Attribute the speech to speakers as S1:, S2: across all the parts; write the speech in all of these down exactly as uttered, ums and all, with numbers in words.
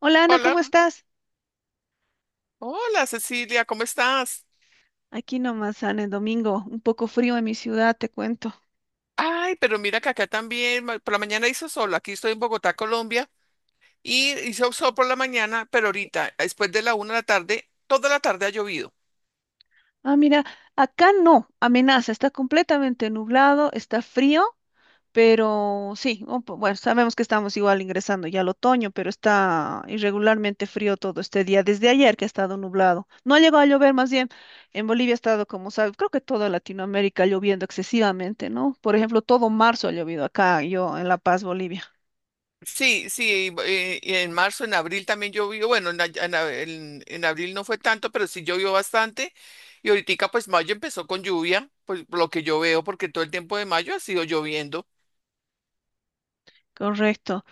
S1: Hola Ana,
S2: Hola,
S1: ¿cómo estás?
S2: hola Cecilia, ¿cómo estás?
S1: Aquí nomás, Ana, el domingo, un poco frío en mi ciudad, te cuento.
S2: Ay, pero mira que acá también, ma- por la mañana hizo sol, aquí estoy en Bogotá, Colombia, y hizo sol por la mañana, pero ahorita, después de la una de la tarde, toda la tarde ha llovido.
S1: Ah, mira, acá no, amenaza, está completamente nublado, está frío, pero sí, un po- bueno, sabemos que estamos igual ingresando ya al otoño, pero está irregularmente frío todo este día, desde ayer que ha estado nublado. No ha llegado a llover, más bien, en Bolivia ha estado, como sabes, creo que toda Latinoamérica lloviendo excesivamente, ¿no? Por ejemplo, todo marzo ha llovido acá, yo en La Paz, Bolivia.
S2: Sí, sí, eh, y en marzo, en abril también llovió, bueno, en, a- en a- en- en abril no fue tanto, pero sí llovió bastante. Y ahorita pues mayo empezó con lluvia, pues por lo que yo veo, porque todo el tiempo de mayo ha sido lloviendo.
S1: Correcto.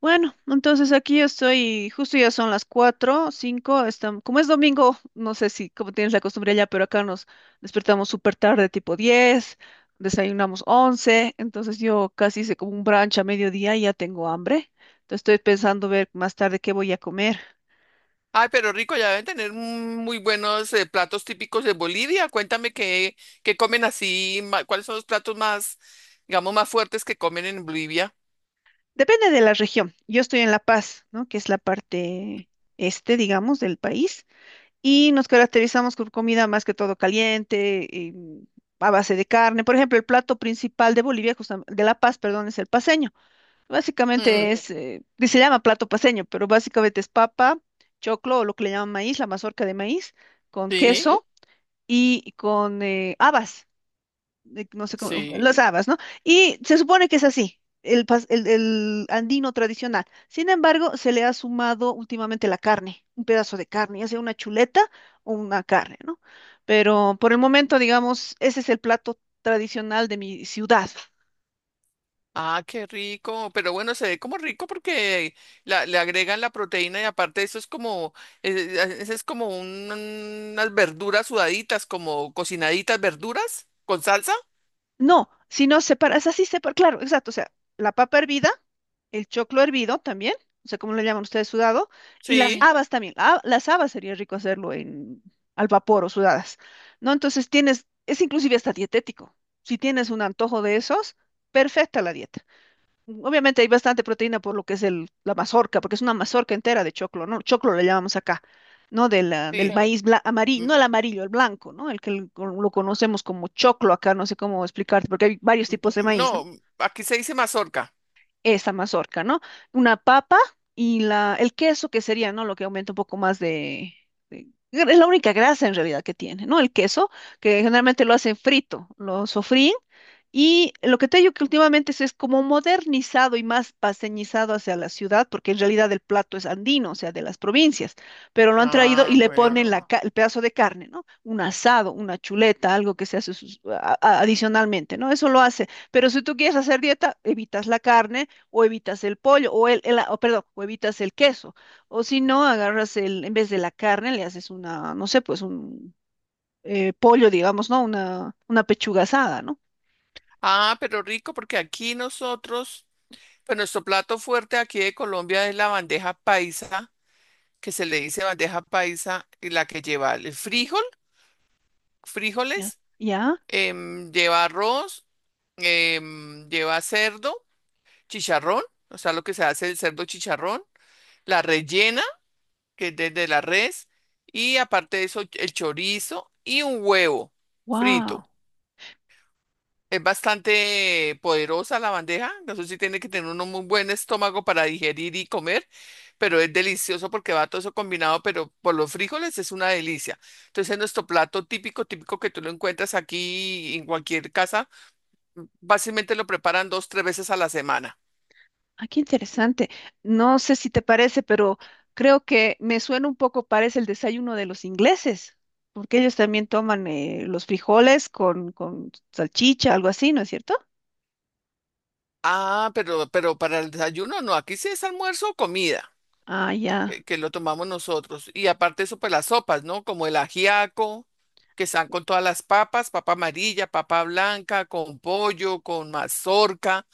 S1: Bueno, entonces aquí estoy, justo ya son las cuatro, cinco, están, como es domingo, no sé si como tienes la costumbre allá, pero acá nos despertamos súper tarde, tipo diez. Desayunamos once. Entonces yo casi hice como un brunch a mediodía y ya tengo hambre. Entonces estoy pensando ver más tarde qué voy a comer.
S2: Ay, pero rico, ya deben tener mm, muy buenos eh, platos típicos de Bolivia. Cuéntame qué, qué comen así, ma- cuáles son los platos más, digamos, más fuertes que comen en Bolivia.
S1: Depende de la región. Yo estoy en La Paz, ¿no? Que es la parte este, digamos, del país. Y nos caracterizamos por comida más que todo caliente, y, mm, a base de carne. Por ejemplo, el plato principal de Bolivia, justam- de La Paz, perdón, es el paceño.
S2: Mm,
S1: Básicamente es, eh, que se llama plato paceño, pero básicamente es papa, choclo o lo que le llaman maíz, la mazorca de maíz, con
S2: sí,
S1: queso y con eh, habas de- no sé cómo,
S2: sí.
S1: las habas, ¿no? Y se supone que es así, el, pas- el, el andino tradicional. Sin embargo, se le ha sumado últimamente la carne, un pedazo de carne, ya sea una chuleta o una carne, ¿no? Pero por el momento, digamos, ese es el plato tradicional de mi ciudad.
S2: Ah, qué rico. Pero bueno, se ve como rico porque la- le agregan la proteína y aparte eso es como, eh, eh, eso es como un- unas verduras sudaditas, como cocinaditas verduras con salsa.
S1: No, sino separas, así separa, claro, exacto, o sea, la papa hervida, el choclo hervido también, o sea, como le llaman ustedes sudado, y las Sí.
S2: Sí,
S1: Habas también. La- las habas sería rico hacerlo en al vapor o sudadas, ¿no? Entonces tienes, es inclusive hasta dietético. Si tienes un antojo de esos, perfecta la dieta. Obviamente hay bastante proteína por lo que es el, la mazorca, porque es una mazorca entera de choclo, ¿no? Choclo le llamamos acá, ¿no? De la- del Sí.
S2: sí.
S1: maíz amarillo,
S2: Mm.
S1: no el amarillo, el blanco, ¿no? El que l- con- lo conocemos como choclo acá, no sé cómo explicarte, porque hay varios tipos de maíz, ¿no?
S2: No, aquí se dice mazorca.
S1: Esa mazorca, ¿no? Una papa y la, el queso que sería, ¿no? Lo que aumenta un poco más de... de- Es la única grasa en realidad que tiene, ¿no? El queso, que generalmente lo hacen frito, lo sofríen y lo que te digo que últimamente se es como modernizado y más paseñizado hacia la ciudad, porque en realidad el plato es andino, o sea, de las provincias, pero lo han traído y
S2: Ah,
S1: le ponen
S2: bueno.
S1: la, ca- el pedazo de carne, ¿no? Un asado, una chuleta, algo que se hace sus- a- a- adicionalmente, ¿no? Eso lo hace. Pero si tú quieres hacer dieta, evitas la carne o evitas el pollo o el, el- o perdón, o evitas el queso. O si no, agarras el, en vez de la carne, le haces una, no sé, pues un eh, pollo, digamos, ¿no? Una, una pechuga asada, ¿no?
S2: Ah, pero rico, porque aquí nosotros, pues nuestro plato fuerte aquí de Colombia es la bandeja paisa, que se le dice bandeja paisa, y la que lleva el frijol,
S1: Ya.
S2: frijoles,
S1: ¿Ya?
S2: em, lleva arroz, em, lleva cerdo, chicharrón, o sea, lo que se hace el cerdo chicharrón, la rellena, que es desde la res, y aparte de eso, el chorizo y un huevo
S1: Wow,
S2: frito. Es bastante poderosa la bandeja. No sé si tiene que tener uno muy buen estómago para digerir y comer, pero es delicioso porque va todo eso combinado, pero por los frijoles es una delicia. Entonces, es nuestro plato típico, típico que tú lo encuentras aquí en cualquier casa, básicamente lo preparan dos, tres veces a la semana.
S1: ah, qué interesante. No sé si te parece, pero creo que me suena un poco, parece el desayuno de los ingleses, porque ellos también toman eh, los frijoles con, con salchicha, algo así, ¿no es cierto?
S2: Ah, pero, pero para el desayuno no, aquí sí es almuerzo o comida.
S1: Ah, ya.
S2: Eh, que lo tomamos nosotros. Y aparte eso, pues las sopas, ¿no? Como el ajiaco, que están con todas las papas, papa amarilla, papa blanca, con pollo, con mazorca,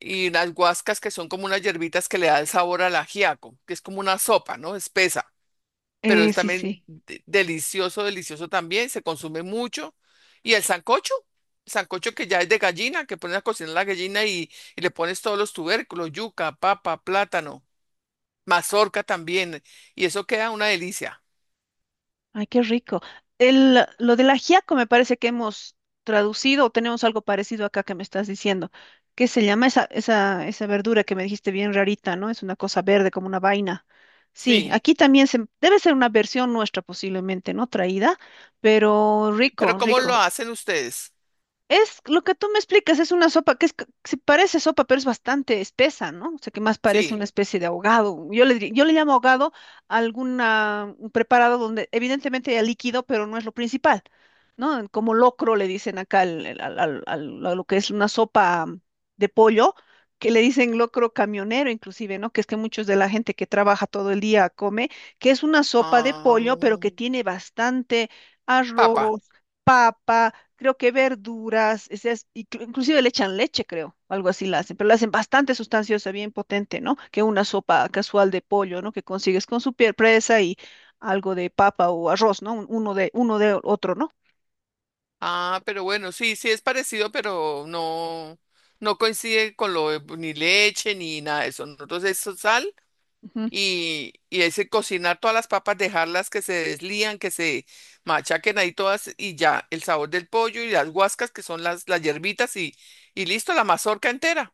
S2: y las guascas que son como unas hierbitas que le da el sabor al ajiaco, que es como una sopa, ¿no? Espesa, pero es
S1: Eh, sí,
S2: también
S1: sí.
S2: de- delicioso, delicioso también, se consume mucho. Y el sancocho. Sancocho que ya es de gallina, que pones a cocinar la gallina y, y le pones todos los tubérculos, yuca, papa, plátano, mazorca también. Y eso queda una delicia.
S1: Ay, qué rico. El, lo del ajiaco me parece que hemos traducido o tenemos algo parecido acá que me estás diciendo. ¿Qué se llama esa, esa, esa verdura que me dijiste bien rarita, ¿no? Es una cosa verde como una vaina. Sí,
S2: Sí.
S1: aquí también se, debe ser una versión nuestra posiblemente, ¿no? Traída, pero
S2: Pero
S1: rico,
S2: ¿cómo
S1: rico.
S2: lo hacen ustedes?
S1: Es lo que tú me explicas, es una sopa que es, c- sí parece sopa, pero es bastante espesa, ¿no? O sea, que más parece
S2: Sí.
S1: una especie de ahogado. Yo le, diría- yo le llamo ahogado a alguna, un preparado donde evidentemente hay líquido, pero no es lo principal, ¿no? Como locro le dicen acá al, al- al- al- al- a lo que es una sopa mm, de pollo, que le dicen locro camionero inclusive, ¿no? Que es que muchos de la gente que trabaja todo el día come, que es una sopa de
S2: Ah,
S1: pollo, pero que tiene bastante
S2: papa.
S1: arroz, papa, creo que verduras, ese es- inclu- inclusive le echan leche, creo, algo así la hacen, pero la hacen bastante sustanciosa, bien potente, ¿no? Que una sopa casual de pollo, ¿no? Que consigues con su piel presa y algo de papa o arroz, ¿no? Un- Uno de, uno de otro, ¿no?
S2: Ah, pero bueno, sí, sí es parecido, pero no, no coincide con lo de ni leche ni nada de eso. Nosotros es so- sal
S1: Ujú.
S2: y, y ese cocinar todas las papas, dejarlas que se deslían, que se machaquen ahí todas y ya el sabor del pollo y las guascas que son las, las hierbitas y, y listo, la mazorca entera.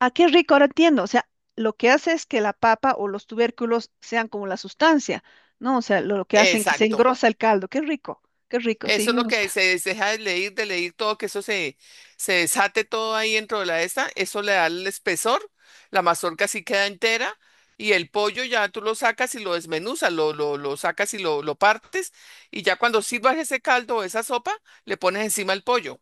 S1: Ah, qué rico, ahora entiendo. O sea, lo que hace es que la papa o los tubérculos sean como la sustancia, ¿no? O sea, lo, lo que hacen que se
S2: Exacto.
S1: engrosa el caldo. Qué rico, qué rico, sí.
S2: Eso es
S1: Me
S2: lo que
S1: gusta.
S2: se des- deja de leer, de leer todo, que eso se, se desate todo ahí dentro de la esta, eso le da el espesor, la mazorca sí queda entera y el pollo ya tú lo sacas y lo desmenuzas, lo, lo, lo sacas y lo, lo partes y ya cuando sirvas ese caldo o esa sopa, le pones encima el pollo,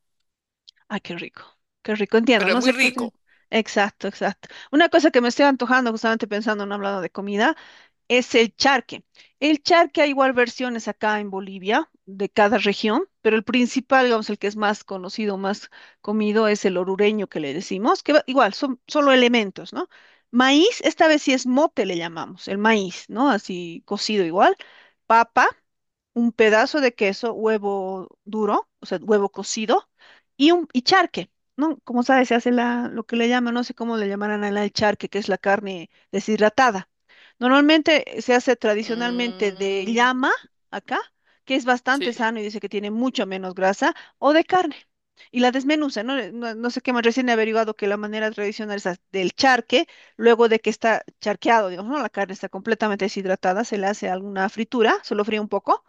S1: Ah, qué rico, qué rico, entiendo,
S2: pero es
S1: no
S2: muy
S1: sé. qué- qué-
S2: rico.
S1: Exacto, exacto. Una cosa que me estoy antojando, justamente pensando en hablando de comida, es el charque. El charque hay igual versiones acá en Bolivia, de cada región, pero el principal, digamos, el que es más conocido, más comido, es el orureño que le decimos, que va- igual son solo elementos, ¿no? Maíz, esta vez sí es mote, le llamamos, el maíz, ¿no? Así cocido igual. Papa, un pedazo de queso, huevo duro, o sea, huevo cocido, y un y charque, ¿no? Como sabes, se hace la, lo que le llaman, no sé cómo le llamarán allá el charque, que es la carne deshidratada. Normalmente eh, se hace tradicionalmente de
S2: Mm,
S1: llama, acá, que es bastante
S2: sí.
S1: sano y dice que tiene mucho menos grasa, o de carne. Y la desmenuza, ¿no? Eh, no, no sé qué más, recién he averiguado que la manera tradicional es as- del charque, luego de que está charqueado, digamos, ¿no? La carne está completamente deshidratada, se le hace alguna fritura, se lo fríe un poco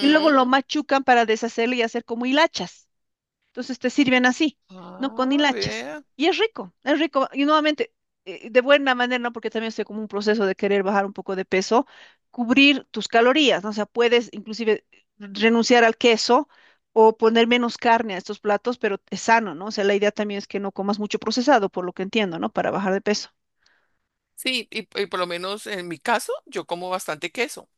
S1: y luego lo machucan para deshacerlo y hacer como hilachas. Entonces te sirven así, ¿no? Con
S2: Ah,
S1: hilachas.
S2: vea.
S1: Y es rico, es rico. Y nuevamente, eh, de buena manera, ¿no? Porque también estoy como un proceso de querer bajar un poco de peso, cubrir tus calorías, ¿no? O sea, puedes inclusive renunciar al queso o poner menos carne a estos platos, pero es sano, ¿no? O sea, la idea también es que no comas mucho procesado, por lo que entiendo, ¿no? Para bajar de peso.
S2: Sí, y, y por lo menos en mi caso, yo como bastante queso.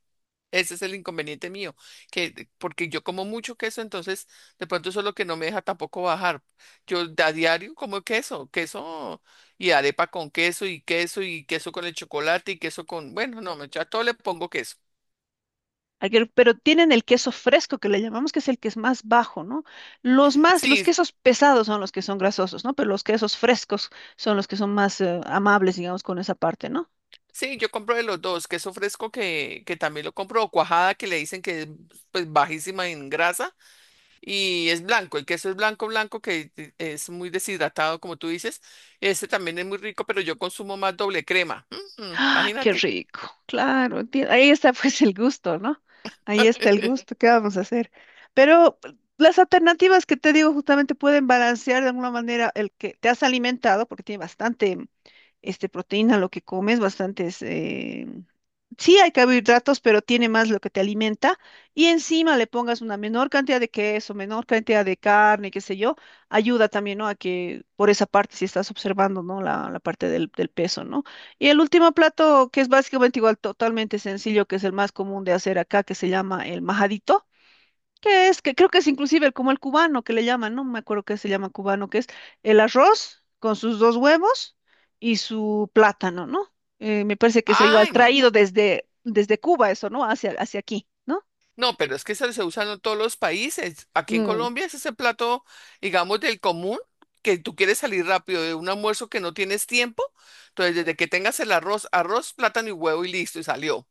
S2: Ese es el inconveniente mío, que porque yo como mucho queso, entonces de pronto eso es lo que no me deja tampoco bajar. Yo a diario como queso, queso y arepa con queso y queso y queso con el chocolate y queso con, bueno, no, me- yo a todo le pongo queso.
S1: Aguer- pero tienen el queso fresco que le llamamos, que es el que es más bajo, ¿no? Los más, los
S2: Sí,
S1: quesos pesados son los que son grasosos, ¿no? Pero los quesos frescos son los que son más eh, amables, digamos, con esa parte, ¿no?
S2: sí, yo compro de los dos, queso fresco que, que también lo compro, o cuajada que le dicen que es pues bajísima en grasa y es blanco. El queso es blanco, blanco, que eh, es muy deshidratado, como tú dices. Este también es muy rico, pero yo consumo más doble crema. Mm, mm,
S1: ¡Ay, qué
S2: imagínate.
S1: rico! Claro, enti- ahí está pues el gusto, ¿no? Ahí está el gusto, ¿qué vamos a hacer? Pero las alternativas que te digo justamente pueden balancear de alguna manera el que te has alimentado, porque tiene bastante este, proteína lo que comes, bastantes eh, sí hay carbohidratos, pero tiene más lo que te alimenta y encima le pongas una menor cantidad de queso, menor cantidad de carne, qué sé yo, ayuda también, ¿no? A que por esa parte, si estás observando, ¿no? La, la parte del, del peso, ¿no? Y el último plato, que es básicamente igual, totalmente sencillo, que es el más común de hacer acá, que se llama el majadito que es? Que creo que es inclusive el- como el cubano que le llaman, no me acuerdo qué se llama cubano, que es el arroz con sus dos huevos y su plátano, ¿no? Eh, me parece que es igual
S2: Ay, no.
S1: traído desde, desde Cuba eso, ¿no? Hacia, hacia aquí, ¿no?
S2: No, pero es que se, se usa en todos los países. Aquí en
S1: Mm,
S2: Colombia es ese plato, digamos, del común, que tú quieres salir rápido de un almuerzo que no tienes tiempo. Entonces, desde que tengas el arroz, arroz, plátano y huevo y listo, y salió.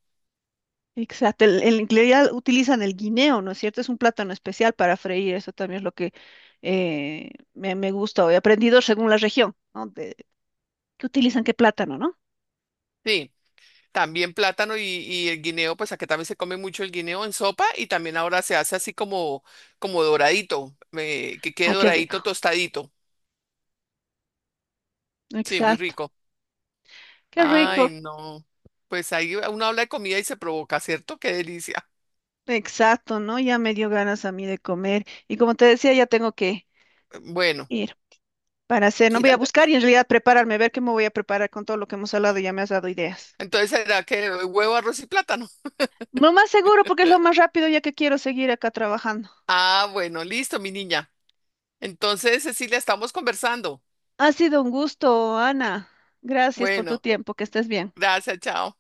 S1: exacto, el, el, en realidad utilizan el guineo, ¿no es cierto? Es un plátano especial para freír, eso también es lo que eh, me, me gusta, o he aprendido según la región, ¿no? De, ¿qué utilizan? ¿Qué plátano, no?
S2: Sí. También plátano y, y el guineo, pues aquí también se come mucho el guineo en sopa y también ahora se hace así como, como doradito, eh, que quede
S1: Ay, qué ok.
S2: doradito,
S1: rico,
S2: tostadito. Sí, muy
S1: exacto,
S2: rico.
S1: qué
S2: Ay,
S1: rico.
S2: no. Pues ahí uno habla de comida y se provoca, ¿cierto? Qué delicia.
S1: Exacto, ¿no? Ya me dio ganas a mí de comer. Y como te decía, ya tengo que
S2: Bueno,
S1: ir para hacer, no voy
S2: mira.
S1: a buscar y en realidad prepararme, ver qué me voy a preparar con todo lo que hemos hablado, ya me has dado ideas.
S2: Entonces será que huevo, arroz y plátano.
S1: Lo más seguro porque es lo más rápido ya que quiero seguir acá trabajando.
S2: Ah, bueno, listo, mi niña. Entonces, Cecilia, estamos conversando.
S1: Ha sido un gusto, Ana. Gracias por tu
S2: Bueno,
S1: tiempo, que estés bien.
S2: gracias, chao.